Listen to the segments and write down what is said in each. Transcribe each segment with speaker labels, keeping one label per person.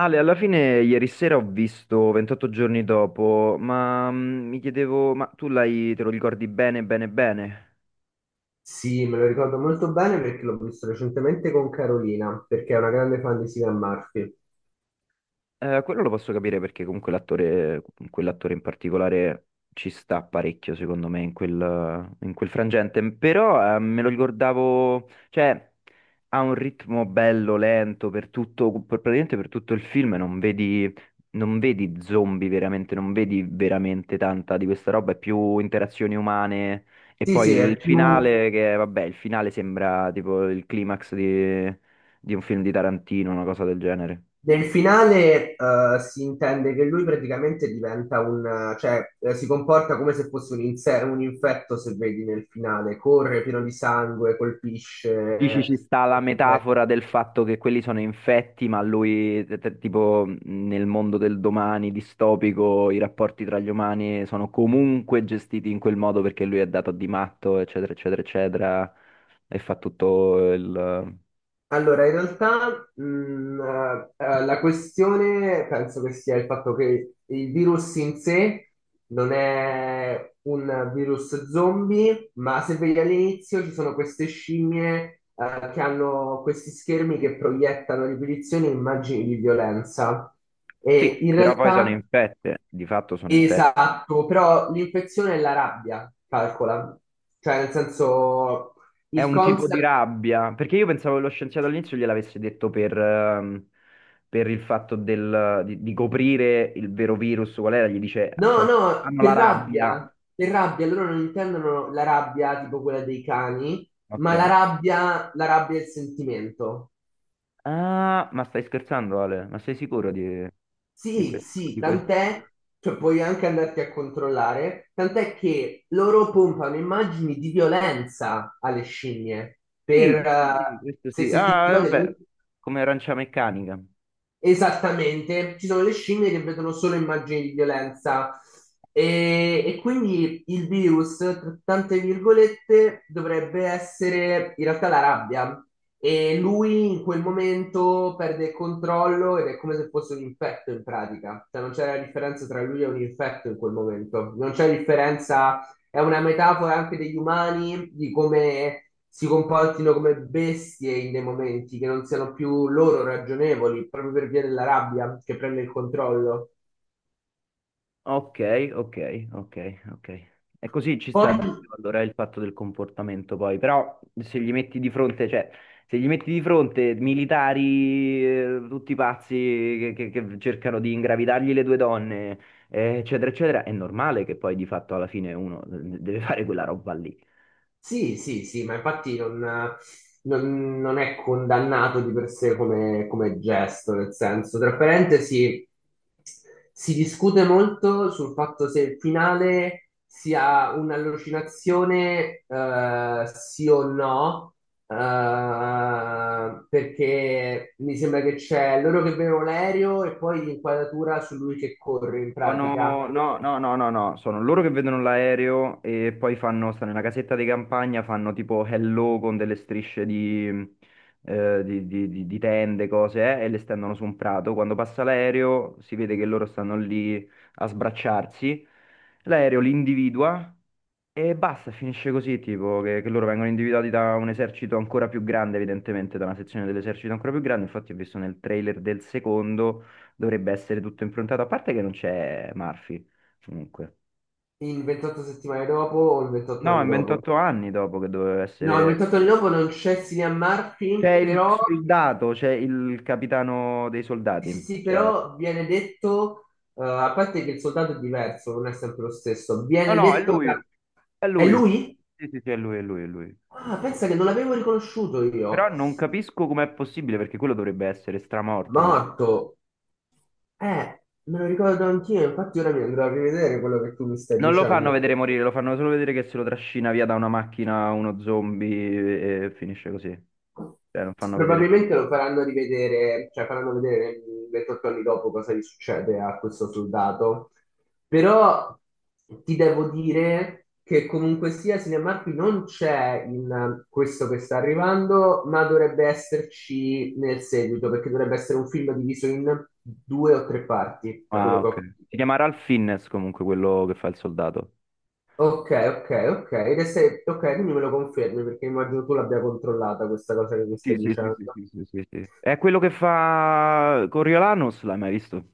Speaker 1: Ale, alla fine ieri sera ho visto 28 giorni dopo, ma mi chiedevo, ma te lo ricordi bene?
Speaker 2: Sì, me lo ricordo molto bene perché l'ho visto recentemente con Carolina, perché è una grande fan di Cillian Murphy.
Speaker 1: Quello lo posso capire perché comunque l'attore, quell'attore in particolare ci sta parecchio, secondo me, in quel frangente. Però me lo ricordavo, cioè ha un ritmo bello, lento per tutto, praticamente per tutto il film. Non vedi zombie veramente, non vedi veramente tanta di questa roba, è più interazioni umane. E
Speaker 2: Sì, sì,
Speaker 1: poi sì.
Speaker 2: è
Speaker 1: Il
Speaker 2: più...
Speaker 1: finale, che vabbè, il finale sembra tipo il climax di un film di Tarantino, una cosa del genere.
Speaker 2: Nel finale, si intende che lui praticamente diventa un... Cioè, si comporta come se fosse un infetto, se vedi nel finale. Corre pieno di sangue,
Speaker 1: Dici
Speaker 2: colpisce...
Speaker 1: ci sta la metafora del fatto che quelli sono infetti, ma lui, tipo nel mondo del domani distopico, i rapporti tra gli umani sono comunque gestiti in quel modo perché lui è dato di matto, eccetera, eccetera, eccetera, e fa tutto il...
Speaker 2: Allora, in realtà la questione penso che sia il fatto che il virus in sé non è un virus zombie, ma se vedi all'inizio ci sono queste scimmie che hanno questi schermi che proiettano a ripetizione immagini di violenza. E
Speaker 1: Sì,
Speaker 2: in
Speaker 1: però poi sono
Speaker 2: realtà,
Speaker 1: infette, di fatto sono infette.
Speaker 2: esatto, però l'infezione è la rabbia, calcola. Cioè, nel senso,
Speaker 1: È
Speaker 2: il
Speaker 1: un tipo di
Speaker 2: concept...
Speaker 1: rabbia, perché io pensavo che lo scienziato all'inizio gliel'avesse detto per il fatto di coprire il vero virus, qual era? Gli dice,
Speaker 2: No, no,
Speaker 1: hanno la rabbia.
Speaker 2: per rabbia, loro non intendono la rabbia tipo quella dei cani,
Speaker 1: Ok.
Speaker 2: ma la rabbia è il sentimento.
Speaker 1: Ah, ma stai scherzando, Ale? Ma sei sicuro di
Speaker 2: Sì,
Speaker 1: questo?
Speaker 2: sì,
Speaker 1: Di questo?
Speaker 2: tant'è, cioè puoi anche andarti a controllare, tant'è che loro pompano immagini di violenza alle scimmie,
Speaker 1: Sì,
Speaker 2: per,
Speaker 1: questo sì, questo
Speaker 2: se,
Speaker 1: sì.
Speaker 2: se ti
Speaker 1: Ah, vabbè,
Speaker 2: ricordi.
Speaker 1: come Arancia Meccanica.
Speaker 2: Esattamente, ci sono le scimmie che vedono solo immagini di violenza e quindi il virus, tra tante virgolette, dovrebbe essere in realtà la rabbia e lui in quel momento perde il controllo ed è come se fosse un infetto in pratica, cioè non c'è la differenza tra lui e un infetto in quel momento, non c'è differenza. È una metafora anche degli umani, di come si comportino come bestie in dei momenti che non siano più loro ragionevoli, proprio per via della rabbia che prende il controllo.
Speaker 1: Ok, ok, ok, ok. E così ci sta
Speaker 2: Poi.
Speaker 1: dentro allora il fatto del comportamento poi, però se gli metti di fronte, cioè, se gli metti di fronte militari, tutti pazzi che, che cercano di ingravidargli le due donne, eccetera, eccetera, è normale che poi di fatto alla fine uno deve fare quella roba lì.
Speaker 2: Sì, sì, sì, ma infatti non è condannato di per sé come, come gesto, nel senso, tra parentesi, si discute molto sul fatto se il finale sia un'allucinazione, sì o no, perché mi sembra che c'è loro che vedono l'aereo e poi l'inquadratura su lui che corre in
Speaker 1: Sono,
Speaker 2: pratica,
Speaker 1: no, no, sono loro che vedono l'aereo e poi fanno, stanno nella casetta di campagna, fanno tipo hello con delle strisce di, di tende, cose, e le stendono su un prato. Quando passa l'aereo si vede che loro stanno lì a sbracciarsi. L'aereo li individua e basta, finisce così, tipo che loro vengono individuati da un esercito ancora più grande, evidentemente, da una sezione dell'esercito ancora più grande. Infatti, ho visto nel trailer del secondo, dovrebbe essere tutto improntato, a parte che non c'è Murphy, comunque.
Speaker 2: in 28 settimane dopo o in 28
Speaker 1: No,
Speaker 2: anni
Speaker 1: è
Speaker 2: dopo.
Speaker 1: 28 anni dopo che doveva
Speaker 2: No,
Speaker 1: essere...
Speaker 2: inventato il lupo non c'è Cillian
Speaker 1: C'è
Speaker 2: Murphy,
Speaker 1: il
Speaker 2: però,
Speaker 1: soldato, c'è il capitano dei
Speaker 2: sì, sì,
Speaker 1: soldati.
Speaker 2: sì,
Speaker 1: C'è...
Speaker 2: però viene detto, a parte che il soldato è diverso, non è sempre lo stesso,
Speaker 1: No,
Speaker 2: viene
Speaker 1: no, è
Speaker 2: detto che...
Speaker 1: lui, è
Speaker 2: È
Speaker 1: lui.
Speaker 2: lui?
Speaker 1: Sì, sì, sì, è lui, è lui, è lui.
Speaker 2: Ah, pensa che non l'avevo riconosciuto
Speaker 1: Però
Speaker 2: io.
Speaker 1: non capisco com'è possibile, perché quello dovrebbe essere stramorto.
Speaker 2: Morto. Me lo ricordo anch'io, infatti ora mi andrò a rivedere quello che tu mi stai
Speaker 1: Non lo fanno
Speaker 2: dicendo.
Speaker 1: vedere morire, lo fanno solo vedere che se lo trascina via da una macchina uno zombie e finisce così. Cioè, non fanno vedere niente.
Speaker 2: Probabilmente lo faranno rivedere, cioè faranno vedere 28 anni dopo cosa gli succede a questo soldato. Però ti devo dire che comunque sia Cinemark non c'è in questo che sta arrivando, ma dovrebbe esserci nel seguito, perché dovrebbe essere un film diviso in due o tre parti, da
Speaker 1: Ah,
Speaker 2: quello che
Speaker 1: ok.
Speaker 2: ho
Speaker 1: Si
Speaker 2: capito.
Speaker 1: chiama Ralph Fiennes comunque quello che fa il soldato.
Speaker 2: Ok, ok, ok. Ed è se... Ok, quindi me lo confermi perché immagino tu l'abbia controllata questa cosa che mi
Speaker 1: Sì,
Speaker 2: stai
Speaker 1: sì, sì,
Speaker 2: dicendo.
Speaker 1: sì, sì, sì, sì, sì. È quello che fa Coriolanus, l'hai mai visto?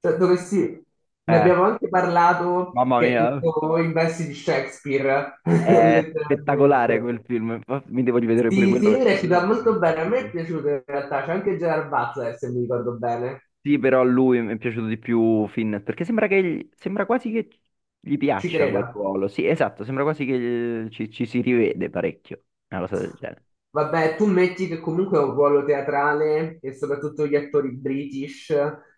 Speaker 2: Cioè, dovessi... Ne
Speaker 1: Eh,
Speaker 2: abbiamo anche parlato
Speaker 1: mamma
Speaker 2: che è
Speaker 1: mia,
Speaker 2: tutto in versi di Shakespeare,
Speaker 1: è spettacolare
Speaker 2: letteralmente.
Speaker 1: quel film. Infatti mi devo rivedere pure
Speaker 2: Sì,
Speaker 1: quello
Speaker 2: sì, lui
Speaker 1: perché quello è
Speaker 2: recita molto
Speaker 1: veramente
Speaker 2: bene, a me è
Speaker 1: epico.
Speaker 2: piaciuto in realtà, c'è anche Gerard Butler, se mi ricordo bene.
Speaker 1: Sì, però a lui mi è piaciuto di più Finn, perché sembra che sembra quasi che gli
Speaker 2: Ci
Speaker 1: piaccia quel
Speaker 2: creda.
Speaker 1: ruolo. Sì, esatto, sembra quasi che ci si rivede parecchio, una cosa del genere.
Speaker 2: Vabbè, tu metti che comunque è un ruolo teatrale e soprattutto gli attori british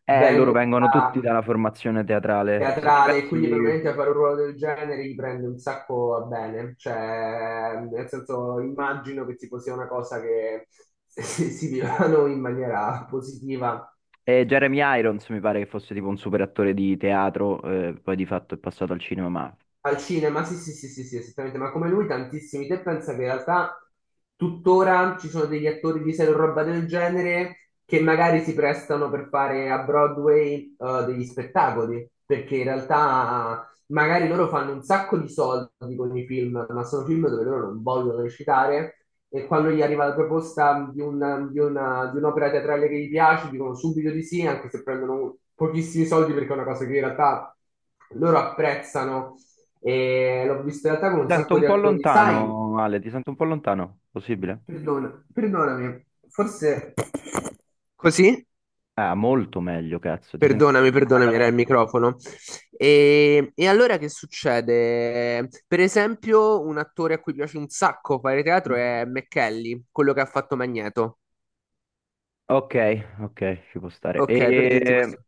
Speaker 1: Loro
Speaker 2: vengono
Speaker 1: vengono tutti
Speaker 2: da
Speaker 1: dalla formazione teatrale. Se ci
Speaker 2: teatrale, quindi
Speaker 1: pensi,
Speaker 2: probabilmente fare un ruolo del genere gli prende un sacco a bene, cioè nel senso immagino che tipo sia una cosa che si vivano in maniera positiva.
Speaker 1: Jeremy Irons mi pare che fosse tipo un super attore di teatro, poi di fatto è passato al cinema, ma
Speaker 2: Al cinema, sì, sì, sì, sì, sì, esattamente, ma come lui tantissimi. Te pensa che in realtà tuttora ci sono degli attori di serie o roba del genere che magari si prestano per fare a Broadway degli spettacoli, perché in realtà magari loro fanno un sacco di soldi con i film, ma sono film dove loro non vogliono recitare e quando gli arriva la proposta di un'opera teatrale che gli piace, dicono subito di sì, anche se prendono pochissimi soldi perché è una cosa che in realtà loro apprezzano e l'ho vista in realtà
Speaker 1: ti
Speaker 2: con un
Speaker 1: sento
Speaker 2: sacco
Speaker 1: un
Speaker 2: di
Speaker 1: po'
Speaker 2: attori. Sai,
Speaker 1: lontano, Ale, ti sento un po' lontano, possibile?
Speaker 2: perdonami, forse così?
Speaker 1: Ah, molto meglio, cazzo, ti sento
Speaker 2: Perdonami,
Speaker 1: dentro una
Speaker 2: perdonami, era il
Speaker 1: caverna.
Speaker 2: microfono. E allora che succede? Per esempio, un attore a cui piace un sacco fare teatro è McKelly, quello che ha fatto Magneto.
Speaker 1: Ok, ok, ci può stare.
Speaker 2: Ok, per dirti
Speaker 1: E,
Speaker 2: questo.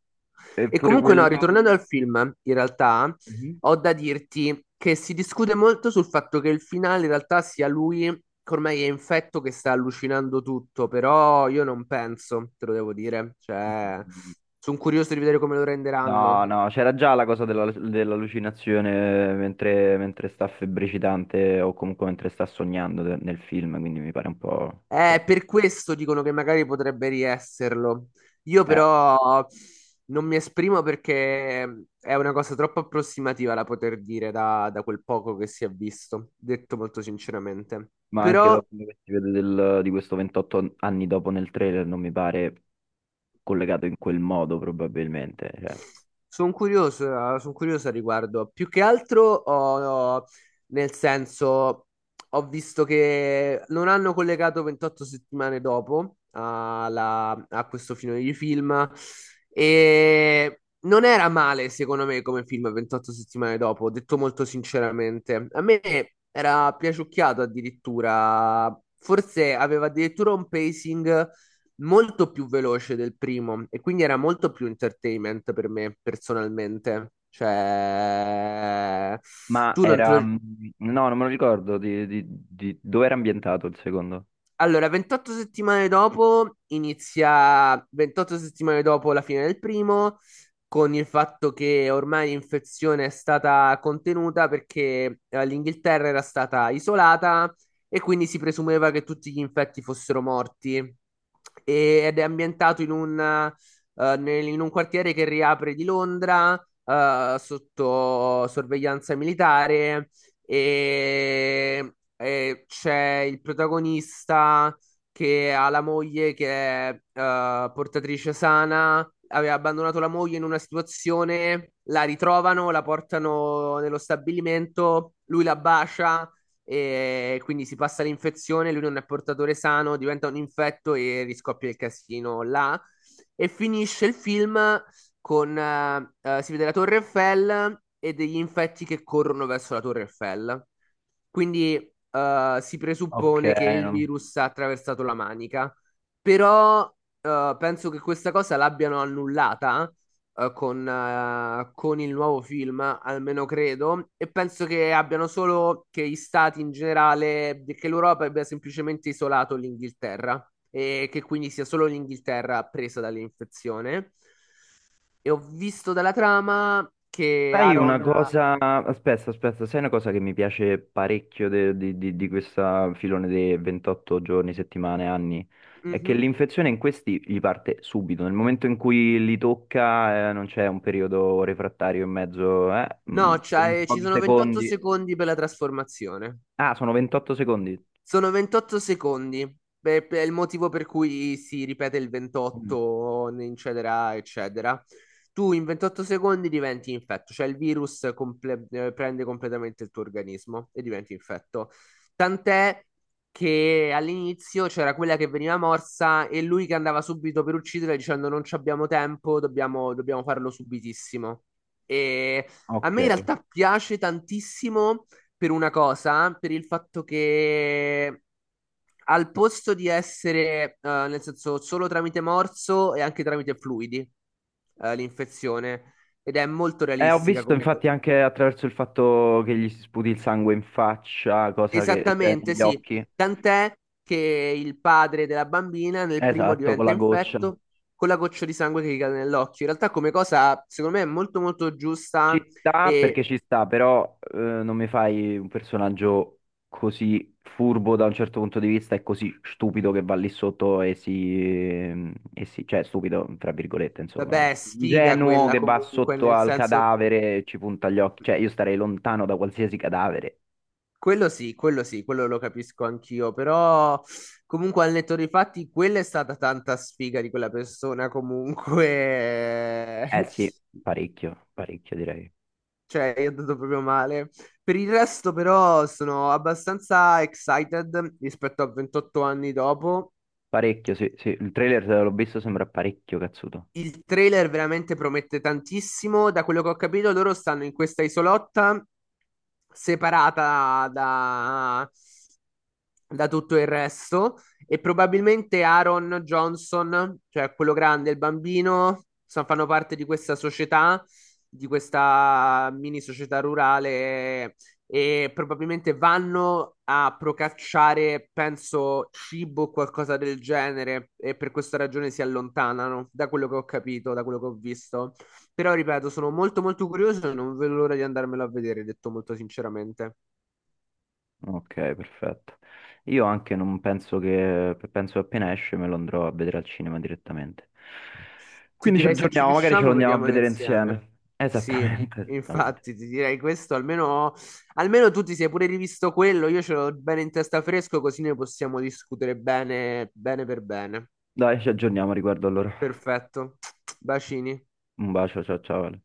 Speaker 2: E
Speaker 1: eppure
Speaker 2: comunque no,
Speaker 1: quella...
Speaker 2: ritornando al film, in realtà
Speaker 1: Mhm.
Speaker 2: ho da dirti che si discute molto sul fatto che il finale in realtà sia lui che ormai è infetto che sta allucinando tutto, però io non penso, te lo devo dire, cioè sono curioso di vedere come lo
Speaker 1: No,
Speaker 2: renderanno.
Speaker 1: no, c'era già la cosa dell'allucinazione mentre sta febbricitante o comunque mentre sta sognando nel film, quindi mi pare un po'... forte.
Speaker 2: Per questo dicono che magari potrebbe riesserlo. Io
Speaker 1: Eh,
Speaker 2: però non mi esprimo perché è una cosa troppo approssimativa da poter dire da, da quel poco che si è visto, detto molto sinceramente.
Speaker 1: ma anche
Speaker 2: Però.
Speaker 1: dopo quello che si vede di questo 28 anni dopo nel trailer non mi pare collegato in quel modo probabilmente. Cioè.
Speaker 2: Sono curioso al riguardo. Più che altro, ho- nel senso, ho visto che non hanno collegato 28 settimane dopo a questo finale di film e non era male, secondo me, come film 28 settimane dopo, detto molto sinceramente. A me era piaciucchiato addirittura, forse aveva addirittura un pacing molto più veloce del primo e quindi era molto più entertainment per me personalmente. Cioè,
Speaker 1: Ma
Speaker 2: tu non te
Speaker 1: era...
Speaker 2: lo...
Speaker 1: no, non me lo ricordo dove era ambientato il secondo.
Speaker 2: Allora, 28 settimane dopo inizia, 28 settimane dopo la fine del primo, con il fatto che ormai l'infezione è stata contenuta perché l'Inghilterra era stata isolata e quindi si presumeva che tutti gli infetti fossero morti. Ed è ambientato in un quartiere che riapre di Londra, sotto sorveglianza militare e c'è il protagonista che ha la moglie che è portatrice sana, aveva abbandonato la moglie in una situazione, la ritrovano, la portano nello stabilimento, lui la bacia e quindi si passa l'infezione, lui non è portatore sano, diventa un infetto e riscoppia il casino là. E finisce il film con si vede la Torre Eiffel e degli infetti che corrono verso la Torre Eiffel. Quindi si
Speaker 1: Ok,
Speaker 2: presuppone che il
Speaker 1: no.
Speaker 2: virus ha attraversato la manica, però penso che questa cosa l'abbiano annullata con il nuovo film, almeno credo, e penso che abbiano solo che gli stati in generale, che l'Europa abbia semplicemente isolato l'Inghilterra. E che quindi sia solo l'Inghilterra presa dall'infezione. E ho visto dalla trama che
Speaker 1: Sai una
Speaker 2: Aaron...
Speaker 1: cosa, aspetta, aspetta, sai una cosa che mi piace parecchio di questa filone dei 28 giorni, settimane, anni? È che
Speaker 2: Mhm.
Speaker 1: l'infezione in questi gli parte subito, nel momento in cui li tocca, non c'è un periodo refrattario in mezzo, eh?
Speaker 2: No,
Speaker 1: In
Speaker 2: ci
Speaker 1: pochi
Speaker 2: sono 28
Speaker 1: secondi.
Speaker 2: secondi per la trasformazione.
Speaker 1: Ah, sono 28 secondi.
Speaker 2: Sono 28 secondi. Beh, è il motivo per cui si ripete il
Speaker 1: Mm,
Speaker 2: 28, eccetera, eccetera. Tu in 28 secondi diventi infetto, cioè il virus prende completamente il tuo organismo e diventi infetto. Tant'è che all'inizio c'era quella che veniva morsa e lui che andava subito per uccidere dicendo non ci abbiamo tempo, dobbiamo farlo subitissimo. E a me in
Speaker 1: Ok.
Speaker 2: realtà piace tantissimo per una cosa, per il fatto che al posto di essere, nel senso, solo tramite morso e anche tramite fluidi, l'infezione, ed è molto
Speaker 1: Ho
Speaker 2: realistica
Speaker 1: visto
Speaker 2: come... co-
Speaker 1: infatti anche attraverso il fatto che gli si sputi il sangue in faccia, cosa che c'è
Speaker 2: Esattamente,
Speaker 1: negli
Speaker 2: sì.
Speaker 1: occhi.
Speaker 2: Tant'è che il padre della bambina nel primo
Speaker 1: Esatto, con
Speaker 2: diventa
Speaker 1: la goccia.
Speaker 2: infetto con la goccia di sangue che gli cade nell'occhio. In realtà come cosa, secondo me, è molto molto giusta
Speaker 1: Ci sta
Speaker 2: e,
Speaker 1: perché ci sta, però non mi fai un personaggio così furbo da un certo punto di vista e così stupido che va lì sotto e si, e cioè stupido, tra virgolette, insomma,
Speaker 2: vabbè, sfiga
Speaker 1: ingenuo
Speaker 2: quella
Speaker 1: che va
Speaker 2: comunque,
Speaker 1: sotto
Speaker 2: nel
Speaker 1: al
Speaker 2: senso.
Speaker 1: cadavere e ci punta gli occhi. Cioè, io starei lontano da qualsiasi cadavere.
Speaker 2: Quello sì, quello sì, quello lo capisco anch'io, però comunque al netto dei fatti quella è stata tanta sfiga di quella persona comunque,
Speaker 1: Eh sì, parecchio, parecchio direi.
Speaker 2: cioè io ho dato proprio male. Per il resto però sono abbastanza excited rispetto a 28 anni dopo.
Speaker 1: Parecchio, sì, sì. Il trailer l'ho visto, sembra parecchio cazzuto.
Speaker 2: Il trailer veramente promette tantissimo. Da quello che ho capito, loro stanno in questa isolotta separata da, tutto il resto. E probabilmente Aaron Johnson, cioè quello grande, il bambino, fanno parte di questa società, di questa mini società rurale e probabilmente vanno a procacciare, penso, cibo o qualcosa del genere e per questa ragione si allontanano, da quello che ho capito, da quello che ho visto. Però, ripeto, sono molto molto curioso e non vedo l'ora di andarmelo a vedere, detto molto sinceramente.
Speaker 1: Ok, perfetto. Io anche non penso che, penso che appena esce me lo andrò a vedere al cinema direttamente.
Speaker 2: Ti
Speaker 1: Quindi ci
Speaker 2: direi se ci
Speaker 1: aggiorniamo, magari ce lo
Speaker 2: riusciamo,
Speaker 1: andiamo a
Speaker 2: vediamolo
Speaker 1: vedere
Speaker 2: insieme.
Speaker 1: insieme.
Speaker 2: Sì,
Speaker 1: Esattamente, esattamente.
Speaker 2: infatti, ti direi questo, almeno, almeno tu ti sei pure rivisto quello, io ce l'ho bene in testa fresco, così ne possiamo discutere bene, bene per bene.
Speaker 1: Dai, ci aggiorniamo a riguardo allora.
Speaker 2: Perfetto. Bacini.
Speaker 1: Un bacio, ciao ciao, Ale.